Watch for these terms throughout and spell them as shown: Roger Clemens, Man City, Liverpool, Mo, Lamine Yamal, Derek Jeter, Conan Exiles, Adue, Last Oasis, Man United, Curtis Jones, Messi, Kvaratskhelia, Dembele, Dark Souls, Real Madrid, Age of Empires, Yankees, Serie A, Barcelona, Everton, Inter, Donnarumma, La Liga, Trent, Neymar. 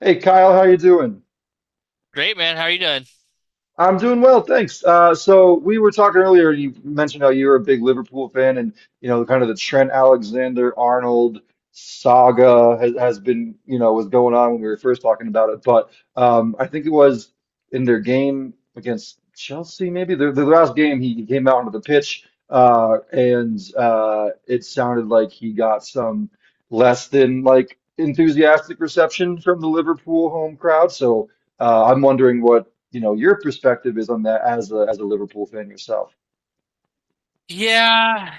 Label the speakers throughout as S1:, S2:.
S1: Hey Kyle, how you doing?
S2: Great, man. How are you doing?
S1: I'm doing well, thanks. So we were talking earlier. You mentioned how you're a big Liverpool fan, and kind of the Trent Alexander-Arnold saga has been, was going on when we were first talking about it. But I think it was in their game against Chelsea, maybe their last game. He came out onto the pitch, and it sounded like he got some less than like enthusiastic reception from the Liverpool home crowd. So. I'm wondering what, your perspective is on that as a Liverpool fan yourself.
S2: Yeah,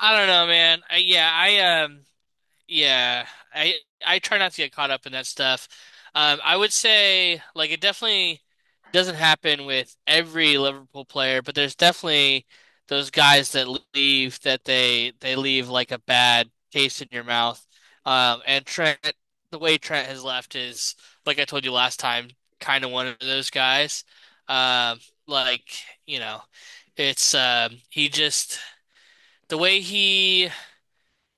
S2: I don't know, man. I, yeah, I Yeah, I I try not to get caught up in that stuff. I would say like it definitely doesn't happen with every Liverpool player, but there's definitely those guys that leave that they leave like a bad taste in your mouth. And Trent, the way Trent has left is, like I told you last time, kind of one of those guys. Um, like you know, it's um, he just the way he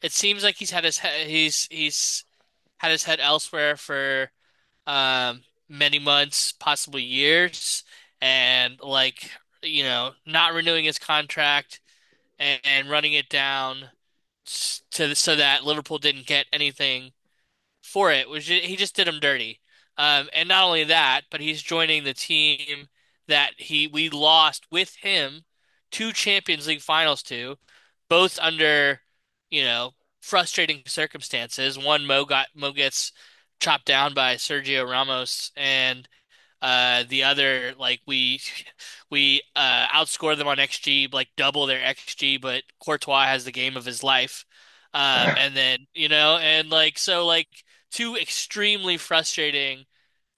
S2: it seems like he's had his he- he's had his head elsewhere for um, many months, possibly years, and not renewing his contract and running it down to so that Liverpool didn't get anything for it, which he just did him dirty. And not only that, but he's joining the team that he we lost with him two Champions League finals to, both under, you know, frustrating circumstances. One Mo gets chopped down by Sergio Ramos, and the other, like we we outscore them on xG, like double their xG, but Courtois has the game of his life. And then, and like so like two extremely frustrating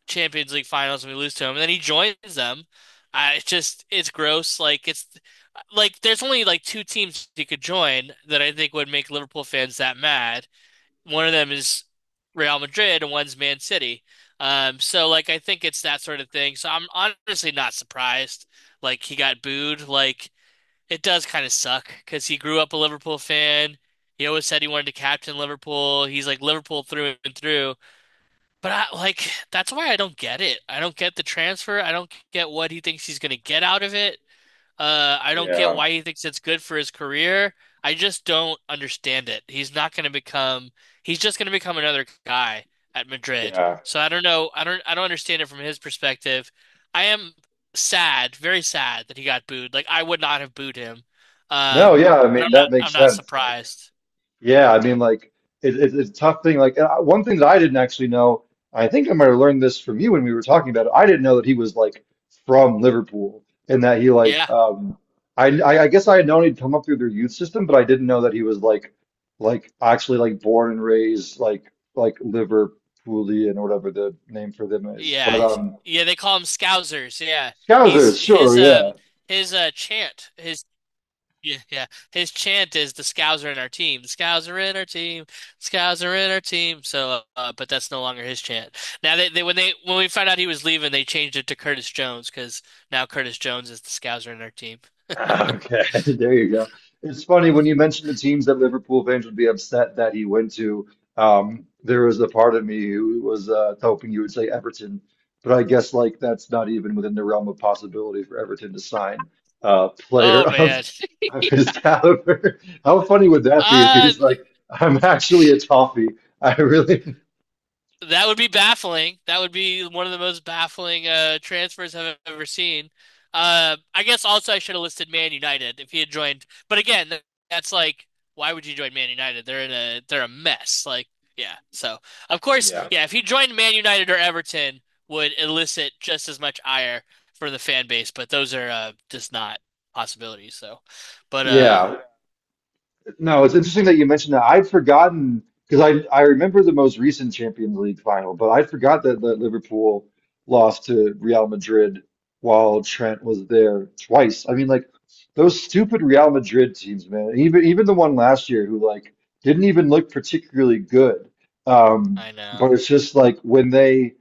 S2: Champions League finals, and we lose to him, and then he joins them. I It's just, it's gross. Like it's like there's only like two teams he could join that I think would make Liverpool fans that mad. One of them is Real Madrid and one's Man City. So like I think it's that sort of thing. So I'm honestly not surprised. Like he got booed. Like it does kind of suck because he grew up a Liverpool fan. He always said he wanted to captain Liverpool. He's like Liverpool through and through. But I like, that's why I don't get it. I don't get the transfer. I don't get what he thinks he's going to get out of it. I don't get
S1: Yeah,
S2: why he thinks it's good for his career. I just don't understand it. He's not going to become, he's just going to become another guy at Madrid.
S1: yeah.
S2: So I don't know. I don't understand it from his perspective. I am sad, very sad that he got booed. Like I would not have booed him.
S1: No,
S2: Um,
S1: yeah, I
S2: but I'm
S1: mean that
S2: not,
S1: makes
S2: I'm not
S1: sense. Like,
S2: surprised.
S1: yeah, I mean, like it's a tough thing. Like, one thing that I didn't actually know, I think I might have learned this from you when we were talking about it. I didn't know that he was like from Liverpool and that he like,
S2: Yeah.
S1: I guess I had known he'd come up through their youth system, but I didn't know that he was like actually like born and raised like Liverpoolian or whatever the name for them is.
S2: Yeah.
S1: But um.
S2: Yeah. They call him Scousers. Yeah. He's
S1: Scousers, sure, yeah.
S2: his, chant, his Yeah, yeah. His chant is the Scows are in our team. The Scows are in our team. Scows are in our team. So, but that's no longer his chant. Now they when we found out he was leaving, they changed it to Curtis Jones because now Curtis Jones is the Scows are in our team.
S1: Okay. There you go. It's funny when you mentioned the teams that Liverpool fans would be upset that he went to. There was a part of me who was hoping you would say Everton, but I guess like that's not even within the realm of possibility for Everton to sign a player
S2: Oh man.
S1: of his caliber. How funny would that be if he
S2: Uh
S1: was like, "I'm actually a toffee. I really,
S2: That would be baffling. That would be one of the most baffling transfers I've ever seen. I guess also I should have listed Man United if he had joined. But again, that's like, why would you join Man United? They're a mess. Like, yeah. So of course,
S1: Yeah.
S2: yeah. If he joined Man United or Everton, would elicit just as much ire for the fan base. But those are, just not possibilities. So, but
S1: yeah." No, it's interesting that you mentioned that. I'd forgotten because I remember the most recent Champions League final, but I forgot that Liverpool lost to Real Madrid while Trent was there twice. I mean, like those stupid Real Madrid teams, man. Even even the one last year who like didn't even look particularly good. Um,
S2: I
S1: but
S2: know.
S1: it's just like when they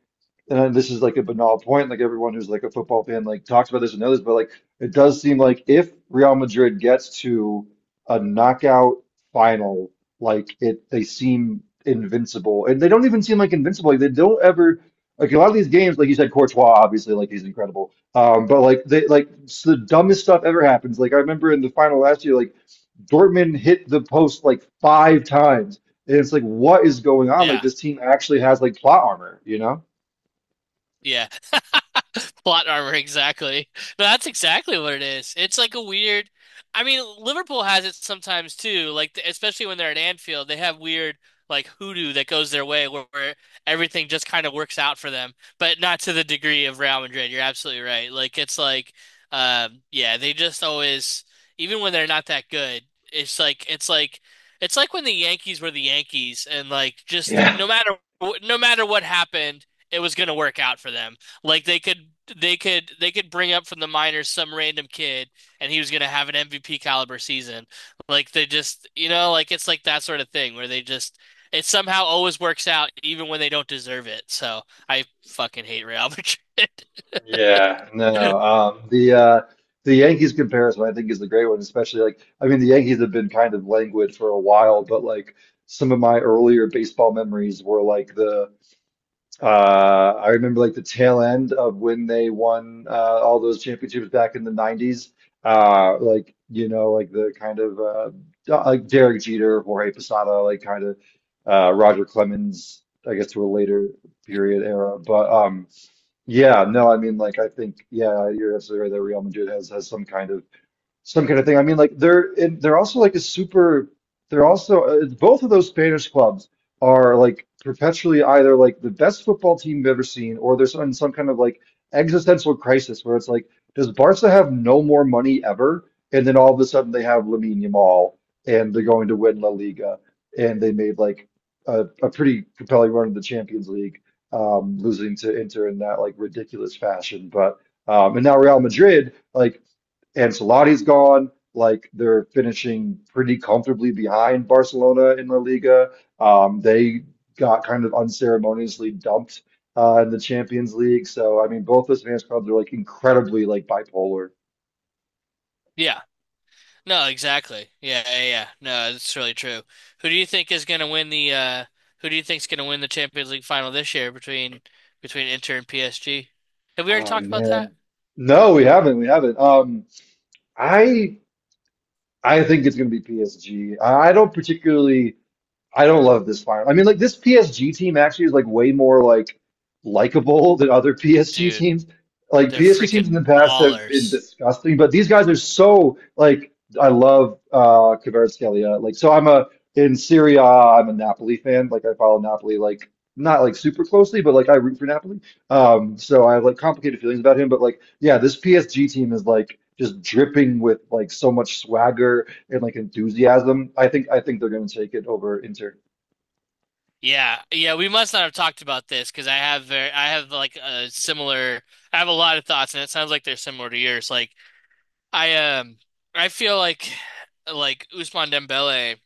S1: this is like a banal point, like everyone who's like a football fan like talks about this and knows, but like it does seem like if Real Madrid gets to a knockout final, like it they seem invincible. And they don't even seem like invincible. Like they don't ever like a lot of these games, like you said, Courtois, obviously, like he's incredible. But like they like the dumbest stuff ever happens. Like I remember in the final last year, like Dortmund hit the post like five times. And it's like, what is going on? Like
S2: Yeah.
S1: this team actually has like plot armor, you know?
S2: Yeah. Plot armor, exactly. No, that's exactly what it is. It's like a weird. I mean, Liverpool has it sometimes too. Like especially when they're at Anfield, they have weird like hoodoo that goes their way where, everything just kind of works out for them, but not to the degree of Real Madrid. You're absolutely right. Like it's like, yeah, they just always, even when they're not that good, it's like it's like it's like when the Yankees were the Yankees, and like just
S1: Yeah,
S2: no matter no matter what happened, it was gonna work out for them. Like they could bring up from the minors some random kid, and he was going to have an MVP caliber season. Like they just, like it's like that sort of thing where they just it somehow always works out even when they don't deserve it. So I fucking hate Real Madrid.
S1: yeah, no. The Yankees comparison, I think, is the great one, especially like I mean, the Yankees have been kind of languid for a while, but like some of my earlier baseball memories were like the I remember like the tail end of when they won all those championships back in the '90s, like like the kind of like Derek Jeter, Jorge Posada, like kind of Roger Clemens, I guess, to a later period era, but. Yeah, no, I mean, like, I think, yeah, you're absolutely right that Real Madrid has some kind of thing. I mean, like they're and they're also like a super. They're also both of those Spanish clubs are like perpetually either like the best football team you've ever seen, or there's in some kind of like existential crisis where it's like, does Barca have no more money ever? And then all of a sudden they have Lamine Yamal, and they're going to win La Liga, and they made like a pretty compelling run in the Champions League, losing to Inter in that like ridiculous fashion. But and now Real Madrid like Ancelotti's gone. Like they're finishing pretty comfortably behind Barcelona in La Liga. They got kind of unceremoniously dumped in the Champions League. So I mean, both those fans clubs are like incredibly like bipolar.
S2: Yeah. No, exactly. Yeah, yeah, yeah. No, it's really true. Who do you think is going to win the who do you think's going to win the Champions League final this year between Inter and PSG? Have we already
S1: Oh
S2: talked about
S1: man,
S2: that?
S1: no, we haven't. I I think it's going to be PSG. I don't particularly. I don't love this fire. I mean, like this PSG team actually is like way more like likable than other PSG
S2: Dude.
S1: teams. Like
S2: They're
S1: PSG teams in
S2: freaking
S1: the past have been
S2: ballers.
S1: disgusting, but these guys are so like I love Kvaratskhelia. Like so I'm a in Serie A. am a Napoli fan. Like I follow Napoli like not like super closely, but like I root for Napoli. So I have like complicated feelings about him, but like yeah, this PSG team is like just dripping with like so much swagger and like enthusiasm. I think they're going to take it over Inter.
S2: Yeah, yeah, we must not have talked about this because I have very, I have like a similar, I have a lot of thoughts, and it sounds like they're similar to yours. Like I um, I feel like Ousmane Dembele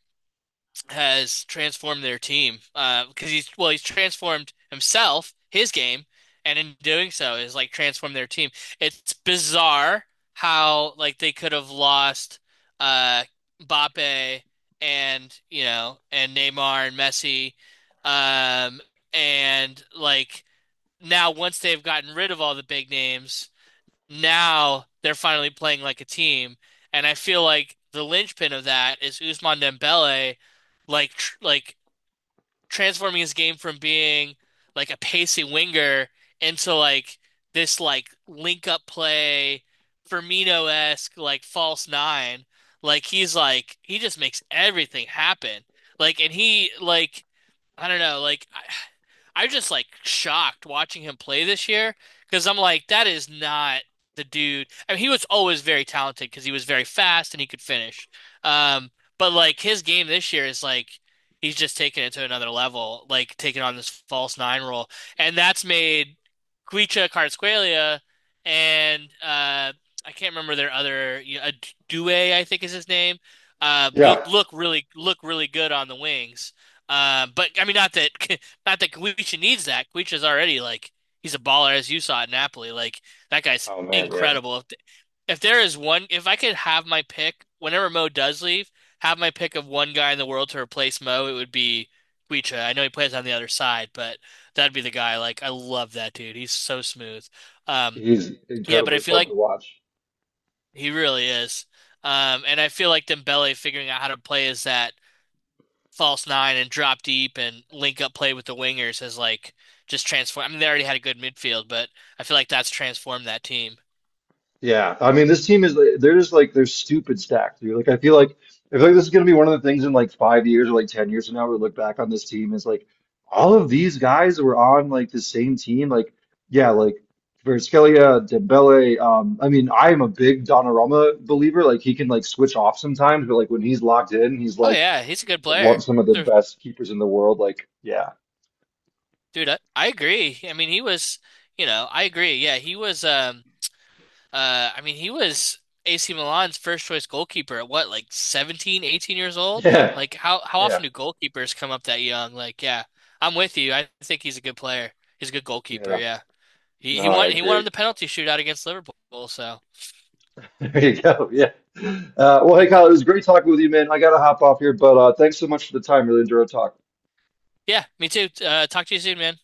S2: has transformed their team, because he's well, he's transformed himself, his game, and in doing so has like transformed their team. It's bizarre how like they could have lost uh Mbappe, and Neymar and Messi, um and like now, once they've gotten rid of all the big names, now they're finally playing like a team, and I feel like the linchpin of that is Ousmane Dembele, like transforming his game from being like a pacey winger into like this like link up play, Firmino-esque like false nine. Like he's like he just makes everything happen. Like and he like I don't know. Like I'm just like shocked watching him play this year because I'm like, that is not the dude. I mean, he was always very talented because he was very fast and he could finish. Um, but like his game this year is like he's just taking it to another level, like taking on this false nine role, and that's made Kwicha Kvaratskhelia and, I can't remember their other, Adue, I think is his name. Uh, look,
S1: Yeah.
S2: look really look really good on the wings. But I mean, not that not that Kuicha needs that. Kuicha's already like he's a baller, as you saw at Napoli. Like that guy's
S1: Oh man, yeah.
S2: incredible. If there is one, if I could have my pick whenever Mo does leave, have my pick of one guy in the world to replace Mo, it would be Kuicha. I know he plays on the other side, but that'd be the guy. Like I love that dude. He's so smooth. Um,
S1: He's
S2: yeah, but I
S1: incredibly
S2: feel
S1: fun
S2: like
S1: to watch.
S2: he really is. And I feel like Dembele figuring out how to play as that false nine and drop deep and link up play with the wingers has like just transformed. I mean, they already had a good midfield, but I feel like that's transformed that team.
S1: Yeah. I mean, this team is like- they're just like they're stupid stacked, dude. Like I feel like I feel like this is going to be one of the things in like 5 years or like 10 years from now we look back on this team is like all of these guys were on like the same team. Like yeah, like Kvaratskhelia, Dembele. I mean, I am a big Donnarumma believer. Like he can like switch off sometimes, but like when he's locked in, he's
S2: Oh
S1: like
S2: yeah, he's a good
S1: one
S2: player.
S1: some of the
S2: Sure.
S1: best keepers in the world. Like, yeah,
S2: Dude, I agree. I mean, he was, you know, I agree. Yeah, he was I mean, he was AC Milan's first choice goalkeeper at what, like 17, 18 years old?
S1: yeah,
S2: Like how how
S1: yeah,
S2: often do goalkeepers come up that young? Like, yeah. I'm with you. I think he's a good player. He's a good goalkeeper,
S1: yeah.
S2: yeah. He
S1: No,
S2: he
S1: I
S2: won he won
S1: agree.
S2: on the penalty shootout against Liverpool, so.
S1: There you go. Yeah. Well, hey, Kyle, it was great talking with you, man. I gotta hop off here, but thanks so much for the time. Really enjoyed talking.
S2: Yeah, me too. Talk to you soon, man.